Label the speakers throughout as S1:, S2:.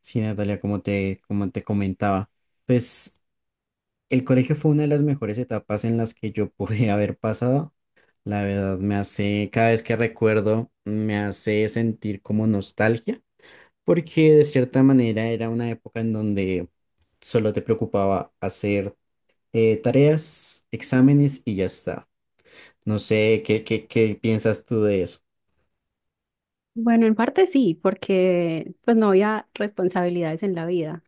S1: Sí, Natalia, como te comentaba, pues el colegio fue una de las mejores etapas en las que yo pude haber pasado. La verdad me hace, cada vez que recuerdo, me hace sentir como nostalgia, porque de cierta manera era una época en donde solo te preocupaba hacer tareas, exámenes y ya está. No sé, ¿qué piensas tú de eso?
S2: Bueno, en parte sí, porque pues no había responsabilidades en la vida.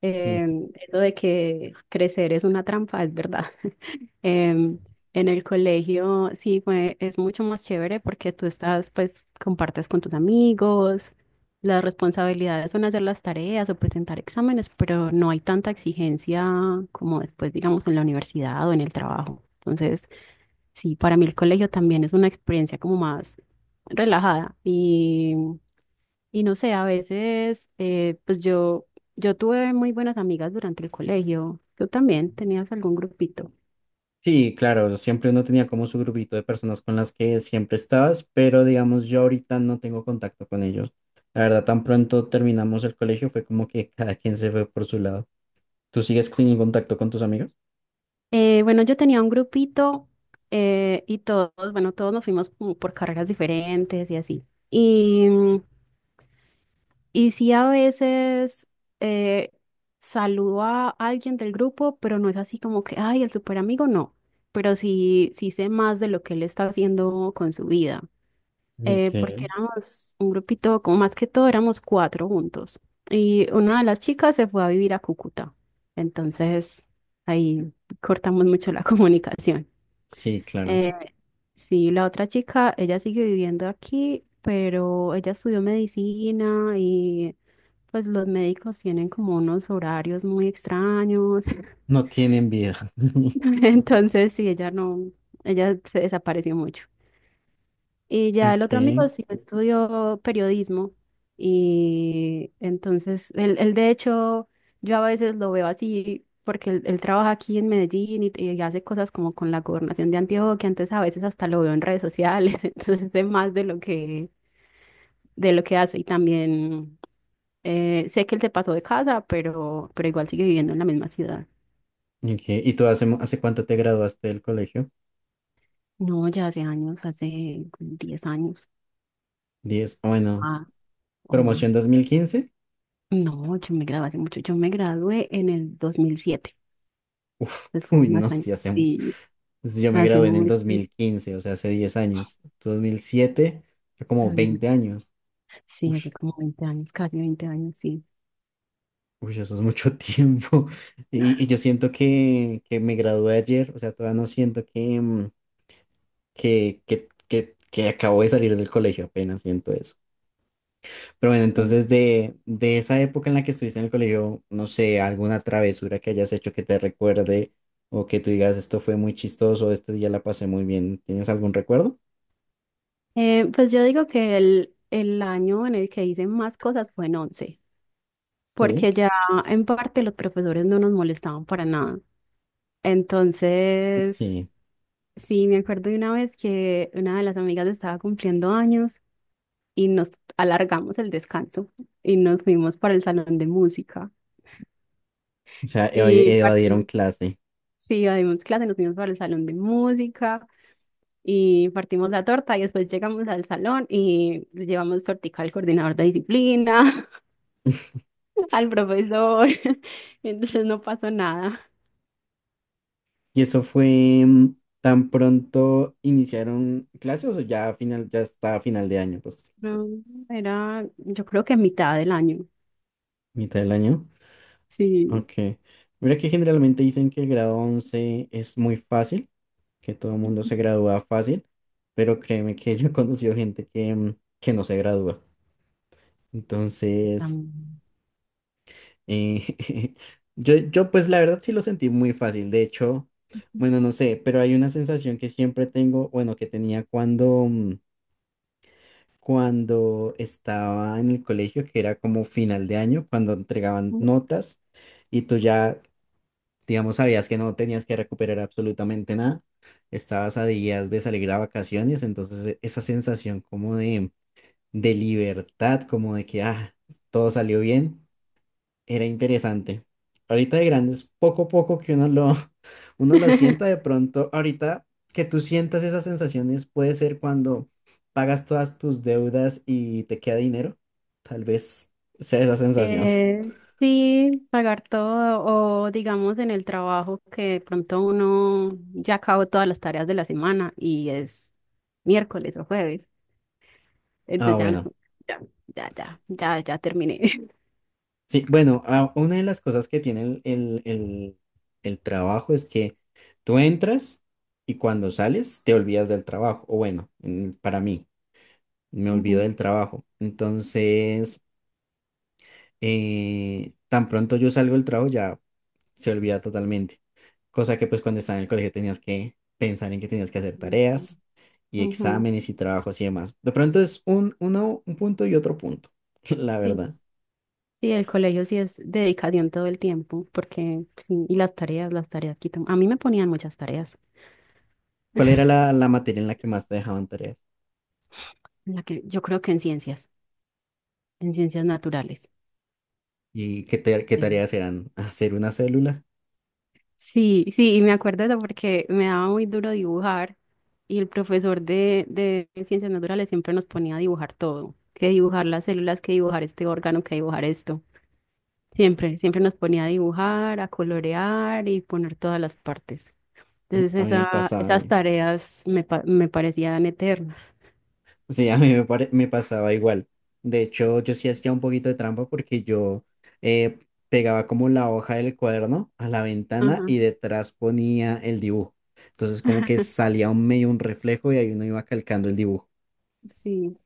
S2: Eso de que crecer es una trampa, es verdad. Em, en el colegio es mucho más chévere porque tú estás, pues, compartes con tus amigos, las responsabilidades son hacer las tareas o presentar exámenes, pero no hay tanta exigencia como después, digamos, en la universidad o en el trabajo. Entonces, sí, para mí el colegio también es una experiencia como más relajada y no sé, a veces, pues yo tuve muy buenas amigas durante el colegio. ¿Tú también tenías algún grupito?
S1: Sí, claro, siempre uno tenía como su grupito de personas con las que siempre estabas, pero digamos yo ahorita no tengo contacto con ellos. La verdad, tan pronto terminamos el colegio fue como que cada quien se fue por su lado. ¿Tú sigues en contacto con tus amigos?
S2: Bueno, yo tenía un grupito, y todos, bueno, todos nos fuimos como por carreras diferentes y así. Y, mm, y sí, a veces eh, saludo a alguien del grupo, pero no es así como que, ay, el super amigo, no. Pero sí, sí sé más de lo que él está haciendo con su vida. Eh, porque
S1: Okay.
S2: éramos un grupito, como más que todo éramos cuatro juntos. Y una de las chicas se fue a vivir a Cúcuta. Entonces ahí cortamos mucho la comunicación.
S1: Sí, claro.
S2: Eh, sí, la otra chica, ella sigue viviendo aquí, pero ella estudió medicina y pues los médicos tienen como unos horarios muy extraños.
S1: No tienen vida.
S2: Entonces sí, ella no, ella se desapareció mucho. Y ya el otro amigo
S1: Okay.
S2: sí estudió periodismo. Y entonces, él de hecho, yo a veces lo veo así, porque él trabaja aquí en Medellín y hace cosas como con la gobernación de Antioquia. Entonces, a veces hasta lo veo en redes sociales. Entonces, sé más de lo que hace. Y también sé que él se pasó de casa, pero, igual sigue viviendo en la misma ciudad.
S1: Ok. Y tú hace, ¿hace cuánto te graduaste del colegio?
S2: No, ya hace años, hace como 10 años,
S1: 10, bueno,
S2: ah, o
S1: promoción
S2: más.
S1: 2015.
S2: No, yo me gradué hace mucho. Yo me gradué en el dos mil siete.
S1: Uf,
S2: Entonces fue
S1: uy, no,
S2: más años.
S1: sí, hace mucho.
S2: Sí,
S1: Entonces, yo me
S2: hace
S1: gradué en el
S2: mucho.
S1: 2015, o sea, hace 10 años. 2007 fue como
S2: Dos mil.
S1: 20 años.
S2: Sí,
S1: Ush,
S2: hace como 20 años, casi 20 años, sí.
S1: ush, eso es mucho tiempo. Y yo siento que me gradué ayer, o sea, todavía no siento que, que, que acabo de salir del colegio, apenas siento eso. Pero bueno,
S2: Mm.
S1: entonces de esa época en la que estuviste en el colegio, no sé, alguna travesura que hayas hecho que te recuerde o que tú digas, esto fue muy chistoso, este día la pasé muy bien. ¿Tienes algún recuerdo?
S2: Pues yo digo que el año en el que hice más cosas fue en 11,
S1: Sí.
S2: porque ya en parte los profesores no nos molestaban para nada. Entonces,
S1: Sí.
S2: sí, me acuerdo de una vez que una de las amigas estaba cumpliendo años y nos alargamos el descanso y nos fuimos para el salón de música.
S1: O sea,
S2: Y
S1: evadieron
S2: partimos,
S1: clase.
S2: sí, dimos clase, nos fuimos para el salón de música y partimos la torta y después llegamos al salón y le llevamos tortica al coordinador de disciplina, al profesor. Entonces no pasó nada.
S1: ¿Y eso fue tan pronto iniciaron clases o ya a final, ya está a final de año, pues,
S2: No, era, yo creo que a mitad del año.
S1: mitad del año?
S2: Sí.
S1: Ok. Mira que generalmente dicen que el grado 11 es muy fácil, que todo el mundo
S2: Ujú.
S1: se gradúa fácil, pero créeme que yo he conocido gente que, que no se gradúa. Entonces,
S2: Am-
S1: eh, yo pues la verdad sí lo sentí muy fácil. De hecho, bueno, no sé, pero hay una sensación que siempre tengo, bueno, que tenía cuando cuando estaba en el colegio, que era como final de año, cuando entregaban notas y tú ya, digamos, sabías que no tenías que recuperar absolutamente nada, estabas a días de salir a vacaciones, entonces esa sensación como de libertad, como de que ah, todo salió bien, era interesante. Ahorita de grandes, poco a poco que uno lo, uno lo sienta de pronto. Ahorita que tú sientas esas sensaciones puede ser cuando pagas todas tus deudas y te queda dinero. Tal vez sea esa sensación.
S2: Eh, sí, pagar todo o digamos en el trabajo que de pronto uno ya acabó todas las tareas de la semana y es miércoles o jueves,
S1: Ah,
S2: entonces ya uno es
S1: bueno.
S2: como, ya, ya, ya, ya, ya terminé.
S1: Sí, bueno, ah, una de las cosas que tiene el trabajo es que tú entras y cuando sales te olvidas del trabajo. O bueno, para mí, me olvido
S2: Ujú,
S1: del trabajo. Entonces tan pronto yo salgo del trabajo ya se olvida totalmente. Cosa que pues cuando estaba en el colegio tenías que pensar en que tenías que hacer
S2: ujú.
S1: tareas y
S2: Ujú.
S1: exámenes y trabajos y demás. De pronto es un, uno, un punto y otro punto, la
S2: Sí,
S1: verdad.
S2: sí, el colegio sí es dedicación todo el tiempo, porque sí, y las tareas quitan. A mí me ponían muchas tareas,
S1: ¿Cuál era la, la materia en la que más te dejaban tareas?
S2: en la que, yo creo que en ciencias naturales.
S1: ¿Y qué, qué tareas eran? ¿Hacer una célula?
S2: Sí, sí, y me acuerdo de eso porque me daba muy duro dibujar y el profesor de ciencias naturales siempre nos ponía a dibujar todo, que dibujar las células, que dibujar este órgano, que dibujar esto. Siempre, siempre nos ponía a dibujar, a colorear y poner todas las partes. Entonces
S1: A mí me
S2: esa,
S1: pasaba
S2: esas tareas me parecían eternas.
S1: sí, a mí me, me pasaba igual. De hecho, yo sí hacía un poquito de trampa porque yo eh, pegaba como la hoja del cuaderno a la ventana
S2: Ajá.
S1: y detrás ponía el dibujo. Entonces como que salía un medio un reflejo y ahí uno iba calcando el dibujo.
S2: Sí.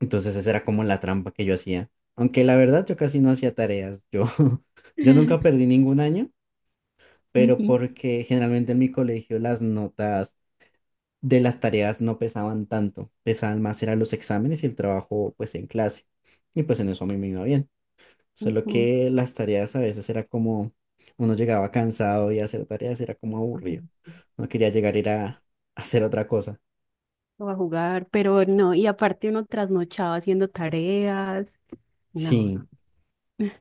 S1: Entonces esa era como la trampa que yo hacía. Aunque la verdad yo casi no hacía tareas. Yo, yo nunca perdí ningún año, pero
S2: Ujú,
S1: porque generalmente en mi colegio las notas de las tareas no pesaban tanto, pesaban más eran los exámenes y el trabajo pues en clase. Y pues en eso a mí me iba bien. Solo
S2: ujú.
S1: que las tareas a veces era como, uno llegaba cansado y hacer tareas era como aburrido. No quería llegar a ir a hacer otra cosa.
S2: O a jugar, pero no, y aparte uno trasnochaba haciendo tareas. No,
S1: Sí,
S2: no.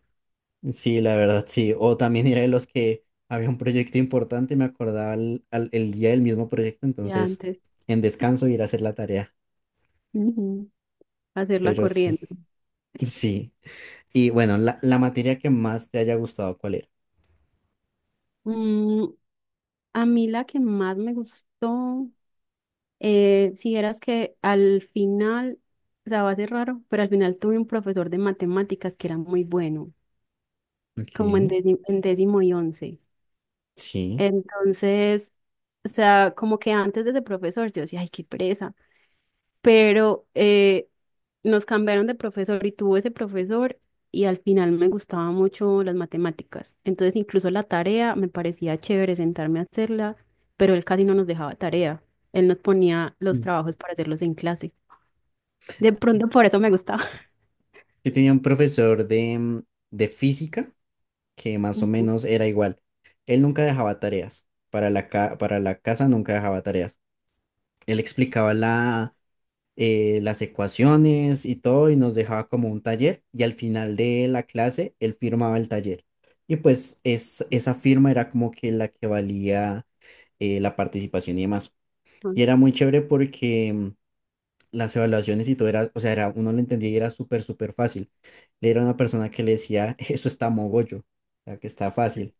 S1: sí, la verdad, sí. O también era de los que había un proyecto importante y me acordaba el, el día del mismo proyecto,
S2: Ya
S1: entonces
S2: antes.
S1: en descanso ir a hacer la tarea.
S2: Ujú. Hacerla
S1: Pero sí,
S2: corriendo.
S1: sí. Y bueno, la materia que más te haya gustado, ¿cuál era?
S2: Mm, a mí la que más me gustó, si vieras que al final, o sea, va a ser raro, pero al final tuve un profesor de matemáticas que era muy bueno,
S1: Ok,
S2: como en décimo y once.
S1: sí.
S2: Entonces, o sea, como que antes de ese profesor yo decía, ay, qué pereza, pero nos cambiaron de profesor y tuvo ese profesor y al final me gustaban mucho las matemáticas. Entonces incluso la tarea me parecía chévere sentarme a hacerla, pero él casi no nos dejaba tarea. Él nos ponía los
S1: Mm.
S2: trabajos para hacerlos en clase. De pronto por eso me gustaba.
S1: Yo tenía un profesor de, de física que más o
S2: Ujú,
S1: menos era igual. Él nunca dejaba tareas. Para la, para la casa nunca dejaba tareas. Él explicaba la, las ecuaciones y todo y nos dejaba como un taller y al final de la clase él firmaba el taller. Y pues es, esa firma era como que la que valía la participación y demás. Y
S2: ujú,
S1: era muy chévere porque las evaluaciones y todo era, o sea, era, uno lo entendía y era súper, súper fácil. Le era una persona que le decía, eso está mogollo, o sea, que está fácil.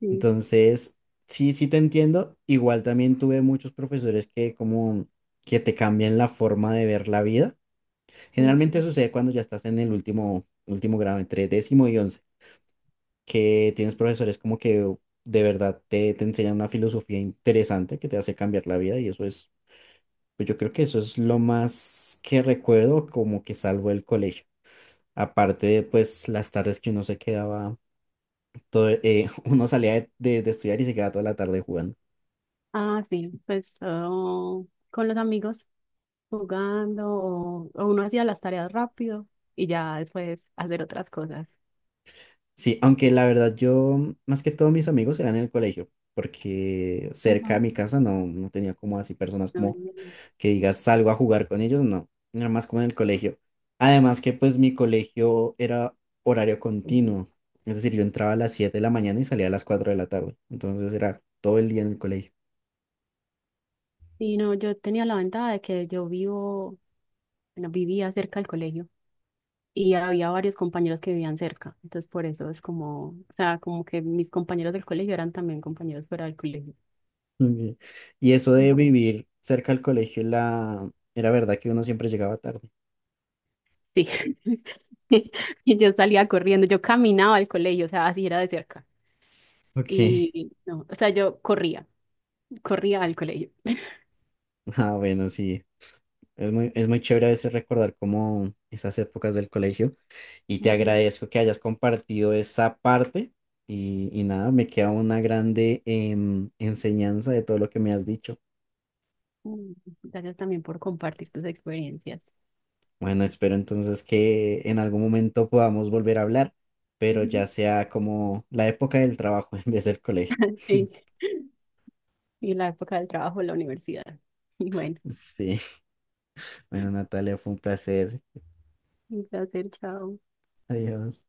S2: sí,
S1: Entonces, sí, sí te entiendo. Igual también tuve muchos profesores que como que te cambian la forma de ver la vida. Generalmente
S2: ujú.
S1: sucede cuando ya estás en el último, último grado, entre décimo y once, que tienes profesores como que de verdad te, te enseñan una filosofía interesante que te hace cambiar la vida y eso es pues yo creo que eso es lo más que recuerdo como que salvo el colegio. Aparte de pues las tardes que uno se quedaba, todo, uno salía de, de estudiar y se quedaba toda la tarde jugando.
S2: Ah, sí, pues oh, con los amigos jugando o uno hacía las tareas rápido y ya después hacer otras cosas.
S1: Sí, aunque
S2: Ujú.
S1: la verdad yo más que todos mis amigos eran en el colegio, porque cerca de mi casa no, no tenía como así personas
S2: No, no,
S1: como
S2: no.
S1: que digas salgo a jugar con ellos, no, era más como en el colegio. Además que pues mi colegio era horario continuo, es decir, yo entraba a las 7 de la mañana y salía a las 4 de la tarde, entonces era todo el día en el colegio.
S2: Sí, no, yo tenía la ventaja de que yo vivo, bueno, vivía cerca del colegio y había varios compañeros que vivían cerca. Entonces, por eso es como, o sea, como que mis compañeros del colegio eran también compañeros fuera del colegio.
S1: Ok. Y eso de
S2: Ujú.
S1: vivir cerca al colegio, la... era verdad que uno siempre llegaba tarde.
S2: Sí. Y yo salía corriendo, yo caminaba al colegio, o sea, así era de cerca.
S1: Ok,
S2: Y no, o sea, yo corría, corría al colegio.
S1: ah, bueno, sí, es muy chévere a veces recordar como esas épocas del colegio. Y te
S2: Ujú.
S1: agradezco que hayas compartido esa parte y nada, me queda una grande enseñanza de todo lo que me has dicho.
S2: Mm, Gracias también por compartir tus experiencias.
S1: Bueno, espero entonces que en algún momento podamos volver a hablar, pero
S2: Ujú.
S1: ya sea como la época del trabajo en vez del colegio.
S2: Sí. Y la época del trabajo, la universidad. Bueno.
S1: Sí, bueno, Natalia, fue un placer.
S2: Un placer, chao.
S1: Adiós.